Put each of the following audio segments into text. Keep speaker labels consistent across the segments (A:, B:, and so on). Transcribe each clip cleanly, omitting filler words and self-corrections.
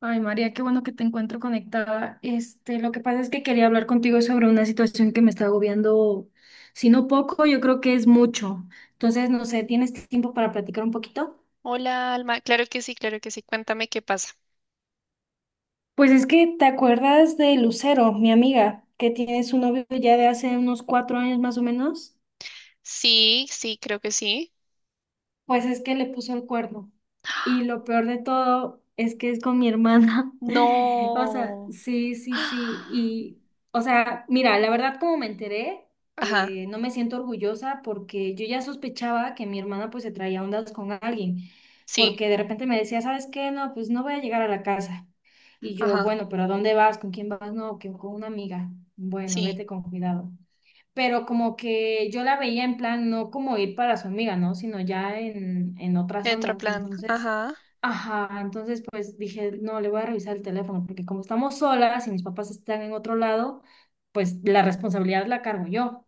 A: Ay, María, qué bueno que te encuentro conectada. Lo que pasa es que quería hablar contigo sobre una situación que me está agobiando, si no poco, yo creo que es mucho. Entonces, no sé, ¿tienes tiempo para platicar un poquito?
B: Hola, Alma. Claro que sí, claro que sí. Cuéntame qué pasa.
A: Pues es que te acuerdas de Lucero, mi amiga, que tiene su novio ya de hace unos 4 años más o menos.
B: Sí, sí, creo que sí.
A: Pues es que le puso el cuerno. Y lo peor de todo es que es con mi hermana. O sea,
B: No.
A: sí, sí, sí. Y, o sea, mira, la verdad como me enteré,
B: Ajá,
A: no me siento orgullosa porque yo ya sospechaba que mi hermana pues se traía ondas con alguien,
B: sí,
A: porque de repente me decía, ¿sabes qué? No, pues no voy a llegar a la casa. Y yo,
B: ajá,
A: bueno, pero ¿a dónde vas? ¿Con quién vas? No, que con una amiga. Bueno,
B: sí.
A: vete con cuidado, pero como que yo la veía en plan, no como ir para su amiga, ¿no? Sino ya en otras ondas.
B: Plan.
A: Entonces,
B: Ajá,
A: ajá, entonces pues dije, no, le voy a revisar el teléfono, porque como estamos solas y mis papás están en otro lado, pues la responsabilidad la cargo yo.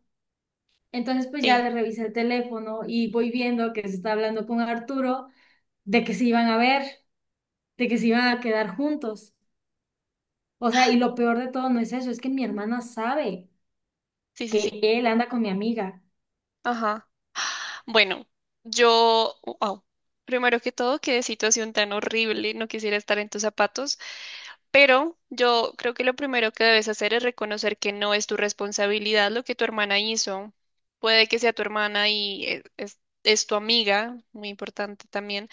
A: Entonces, pues ya
B: sí,
A: le revisé el teléfono y voy viendo que se está hablando con Arturo de que se iban a ver, de que se iban a quedar juntos. O sea, y lo peor de todo no es eso, es que mi hermana sabe
B: sí, sí, sí,
A: que él anda con mi amiga.
B: ajá. Bueno, yo, wow. Primero que todo, qué situación tan horrible. No quisiera estar en tus zapatos. Pero yo creo que lo primero que debes hacer es reconocer que no es tu responsabilidad lo que tu hermana hizo. Puede que sea tu hermana y es tu amiga, muy importante también,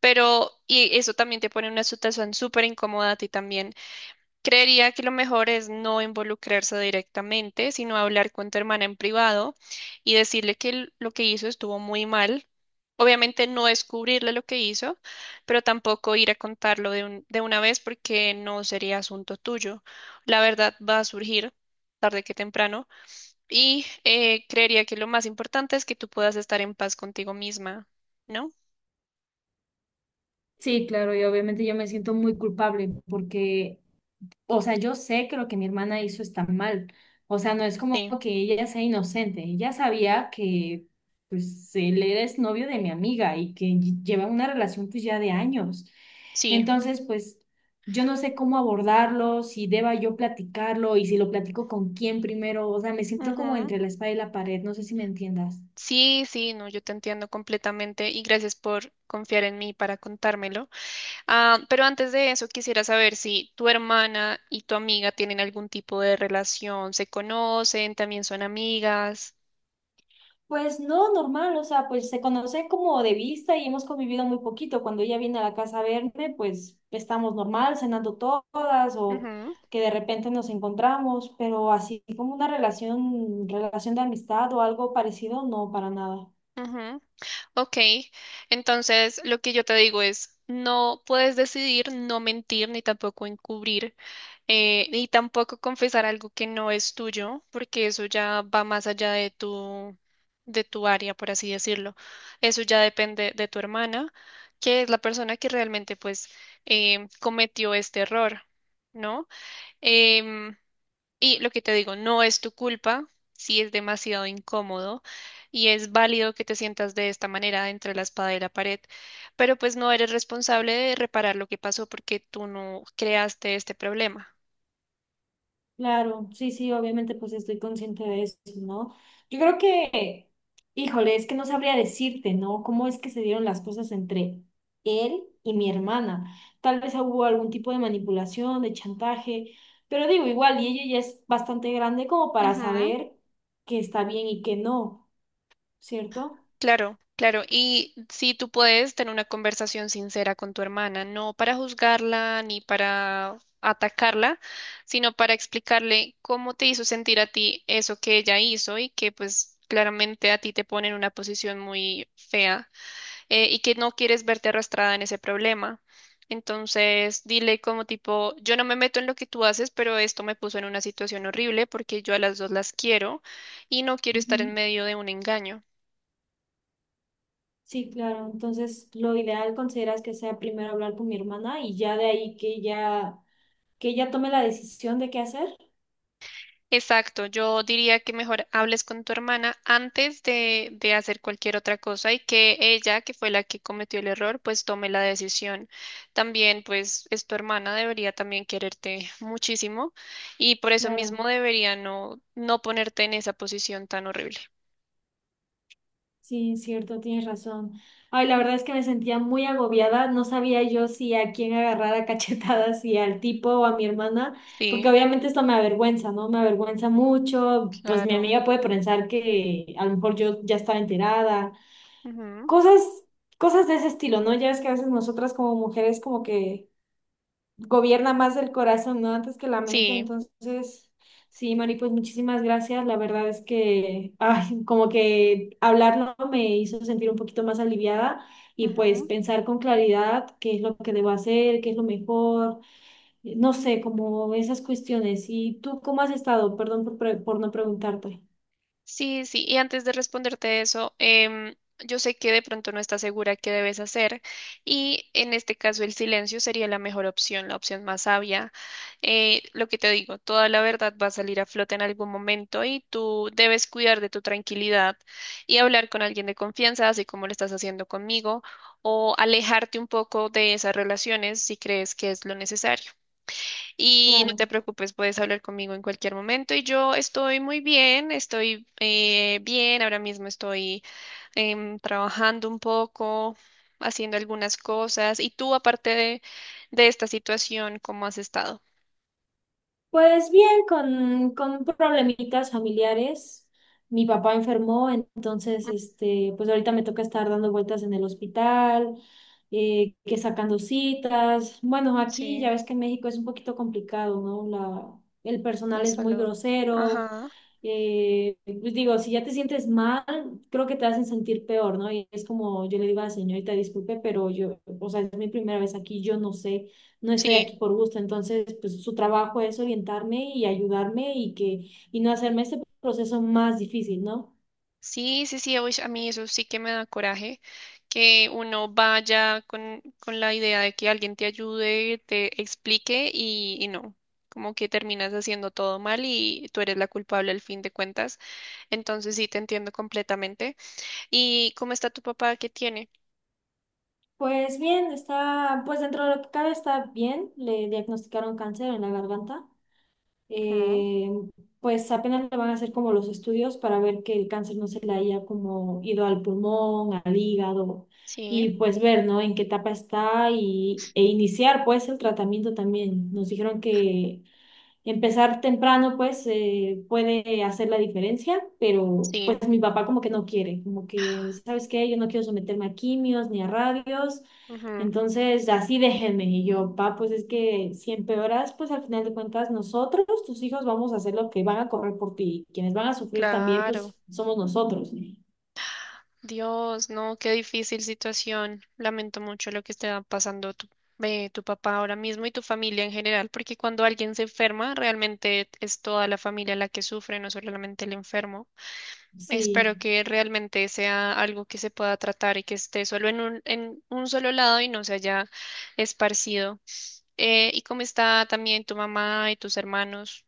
B: pero y eso también te pone en una situación súper incómoda a ti también. Creería que lo mejor es no involucrarse directamente, sino hablar con tu hermana en privado y decirle que lo que hizo estuvo muy mal. Obviamente no descubrirle lo que hizo, pero tampoco ir a contarlo de de una vez porque no sería asunto tuyo. La verdad va a surgir tarde que temprano y creería que lo más importante es que tú puedas estar en paz contigo misma, ¿no?
A: Sí, claro, y obviamente yo me siento muy culpable porque, o sea, yo sé que lo que mi hermana hizo está mal. O sea, no es como
B: Sí,
A: que ella sea inocente. Ella sabía que, pues, él era exnovio de mi amiga y que lleva una relación, pues, ya de años.
B: sí.
A: Entonces, pues, yo no sé cómo abordarlo, si deba yo platicarlo y si lo platico con quién primero. O sea, me siento como entre la espada y la pared. No sé si me entiendas.
B: Sí, sí, no, yo te entiendo completamente y gracias por confiar en mí para contármelo. Ah, pero antes de eso, quisiera saber si tu hermana y tu amiga tienen algún tipo de relación, se conocen, también son amigas.
A: Pues no, normal, o sea, pues se conoce como de vista y hemos convivido muy poquito. Cuando ella viene a la casa a verme, pues estamos normal, cenando todas o
B: Ujú,
A: que de repente nos encontramos, pero así como una relación, relación de amistad o algo parecido, no, para nada.
B: ujú. Ok, entonces lo que yo te digo es, no puedes decidir no mentir ni tampoco encubrir. Y tampoco confesar algo que no es tuyo, porque eso ya va más allá de tu área, por así decirlo. Eso ya depende de tu hermana, que es la persona que realmente pues cometió este error, ¿no? Em, y lo que te digo, no es tu culpa, si es demasiado incómodo y es válido que te sientas de esta manera entre la espada y la pared, pero pues no eres responsable de reparar lo que pasó porque tú no creaste este problema.
A: Claro, sí, sí, obviamente pues estoy consciente de eso, ¿no? Yo creo que, híjole, es que no sabría decirte, ¿no? ¿Cómo es que se dieron las cosas entre él y mi hermana? Tal vez hubo algún tipo de manipulación, de chantaje, pero digo, igual, y ella ya es bastante grande como para
B: Ujú.
A: saber que está bien y que no, ¿cierto?
B: Claro, claro. Y si tú puedes tener una conversación sincera con tu hermana, no para juzgarla ni para atacarla, sino para explicarle cómo te hizo sentir a ti eso que ella hizo y que pues claramente a ti te pone en una posición muy fea, y que no quieres verte arrastrada en ese problema. Entonces, dile como tipo, yo no me meto en lo que tú haces, pero esto me puso en una situación horrible porque yo a las dos las quiero y no quiero estar
A: Ujú.
B: en medio de un engaño.
A: Sí, claro, entonces lo ideal consideras que sea primero hablar con mi hermana y ya de ahí que ella tome la decisión de qué hacer.
B: Exacto, yo diría que mejor hables con tu hermana antes de hacer cualquier otra cosa y que ella, que fue la que cometió el error, pues tome la decisión. También, pues es tu hermana, debería también quererte muchísimo y por eso mismo
A: Claro.
B: debería no, no ponerte en esa posición tan horrible.
A: Sí, cierto, tienes razón. Ay, la verdad es que me sentía muy agobiada. No sabía yo si a quién agarrar a cachetadas, si al tipo o a mi hermana, porque
B: Sí,
A: obviamente esto me avergüenza, ¿no? Me avergüenza mucho. Pues mi
B: claro.
A: amiga puede pensar que a lo mejor yo ya estaba enterada.
B: Ujú.
A: Cosas, cosas de ese estilo, ¿no? Ya ves que a veces nosotras como mujeres como que gobierna más el corazón, ¿no? Antes que la mente.
B: Sí.
A: Entonces, sí, Mari, pues muchísimas gracias. La verdad es que, ay, como que hablarlo me hizo sentir un poquito más aliviada y pues
B: Ujú.
A: pensar con claridad qué es lo que debo hacer, qué es lo mejor, no sé, como esas cuestiones. ¿Y tú cómo has estado? Perdón por, por no preguntarte.
B: Sí, sí, y antes de responderte eso, yo sé que de pronto no estás segura qué debes hacer y en este caso el silencio sería la mejor opción, la opción más sabia. Lo que te digo, toda la verdad va a salir a flote en algún momento y tú debes cuidar de tu tranquilidad y hablar con alguien de confianza, así como lo estás haciendo conmigo, o alejarte un poco de esas relaciones si crees que es lo necesario. Y no te
A: Claro.
B: preocupes, puedes hablar conmigo en cualquier momento. Y yo estoy muy bien, estoy bien, ahora mismo estoy trabajando un poco, haciendo algunas cosas. Y tú, aparte de esta situación, ¿cómo has estado?
A: Pues bien, con problemitas familiares. Mi papá enfermó, entonces, este, pues ahorita me toca estar dando vueltas en el hospital, que sacando citas. Bueno, aquí
B: Sí,
A: ya ves que en México es un poquito complicado, ¿no? La, el
B: la
A: personal es muy
B: salud.
A: grosero.
B: Ajá.
A: Pues digo, si ya te sientes mal, creo que te hacen sentir peor, ¿no? Y es como yo le digo a la señorita, disculpe, pero yo, o sea, es mi primera vez aquí, yo no sé, no estoy
B: Sí.
A: aquí por gusto. Entonces, pues su trabajo es orientarme y ayudarme y que y no hacerme este proceso más difícil, ¿no?
B: Sí, sí, sí, uy, a mí eso sí que me da coraje, que uno vaya con la idea de que alguien te ayude, te explique y no, como que terminas haciendo todo mal y tú eres la culpable al fin de cuentas. Entonces sí, te entiendo completamente. ¿Y cómo está tu papá? ¿Qué tiene?
A: Pues bien, está, pues dentro de lo que cabe está bien. Le diagnosticaron cáncer en la garganta.
B: Ujú.
A: Eh, pues apenas le van a hacer como los estudios para ver que el cáncer no se le haya como ido al pulmón, al hígado
B: Sí,
A: y pues ver, ¿no? En qué etapa está y, e iniciar pues el tratamiento también. Nos dijeron que empezar temprano, pues, puede hacer la diferencia, pero
B: sí,
A: pues mi papá como que no quiere, como que, ¿sabes qué? Yo no quiero someterme a quimios ni a radios,
B: ujú,
A: entonces así déjenme. Y yo, papá, pues es que si empeoras, pues al final de cuentas nosotros, tus hijos, vamos a hacer lo que van a correr por ti. Quienes van a sufrir también,
B: claro.
A: pues somos nosotros.
B: Dios, no, qué difícil situación. Lamento mucho lo que está pasando tu, tu papá ahora mismo y tu familia en general, porque cuando alguien se enferma, realmente es toda la familia la que sufre, no solamente el enfermo.
A: Sí.
B: Espero que realmente sea algo que se pueda tratar y que esté solo en un solo lado y no se haya esparcido. ¿Y cómo está también tu mamá y tus hermanos?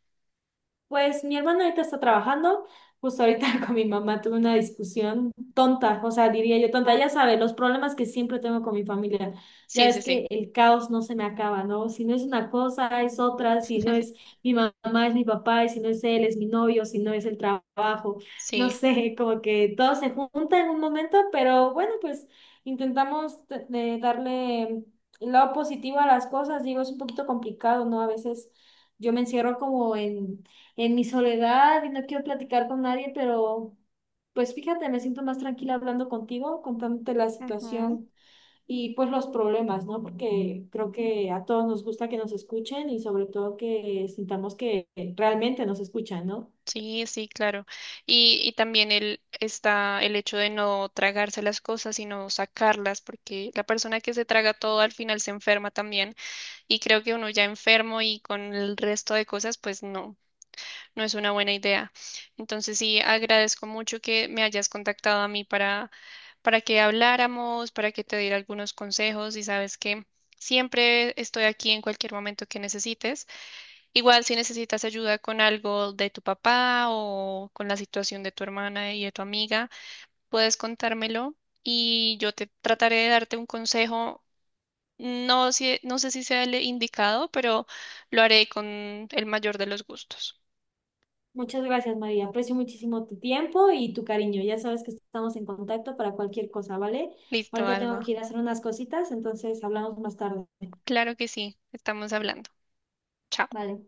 A: Pues mi hermana ahorita está trabajando, justo ahorita con mi mamá tuve una discusión tonta, o sea, diría yo tonta, ya sabes, los problemas que siempre tengo con mi familia, ya
B: Sí,
A: ves
B: sí, sí.
A: que el caos no se me acaba, ¿no? Si no es una cosa, es otra, si no es mi mamá, es mi papá, y si no es él, es mi novio, si no es el trabajo, no
B: Sí.
A: sé, como que todo se junta en un momento, pero bueno, pues intentamos de darle lo positivo a las cosas, digo, es un poquito complicado, ¿no? A veces yo me encierro como en mi soledad y no quiero platicar con nadie, pero pues fíjate, me siento más tranquila hablando contigo, contándote la situación y pues los problemas, ¿no? Porque creo que a todos nos gusta que nos escuchen y sobre todo que sintamos que realmente nos escuchan, ¿no?
B: Sí, sí, claro. Y también el, está el hecho de no tragarse las cosas, sino sacarlas, porque la persona que se traga todo al final se enferma también. Y creo que uno ya enfermo y con el resto de cosas, pues no, no es una buena idea. Entonces sí, agradezco mucho que me hayas contactado a mí para que habláramos, para que te diera algunos consejos y sabes que siempre estoy aquí en cualquier momento que necesites. Igual si necesitas ayuda con algo de tu papá o con la situación de tu hermana y de tu amiga, puedes contármelo y yo te trataré de darte un consejo. No, no sé si sea el indicado, pero lo haré con el mayor de los gustos.
A: Muchas gracias, María. Aprecio muchísimo tu tiempo y tu cariño. Ya sabes que estamos en contacto para cualquier cosa, ¿vale?
B: Listo,
A: Ahorita tengo que
B: Alma.
A: ir a hacer unas cositas, entonces hablamos más tarde.
B: Claro que sí, estamos hablando. Chao.
A: Vale.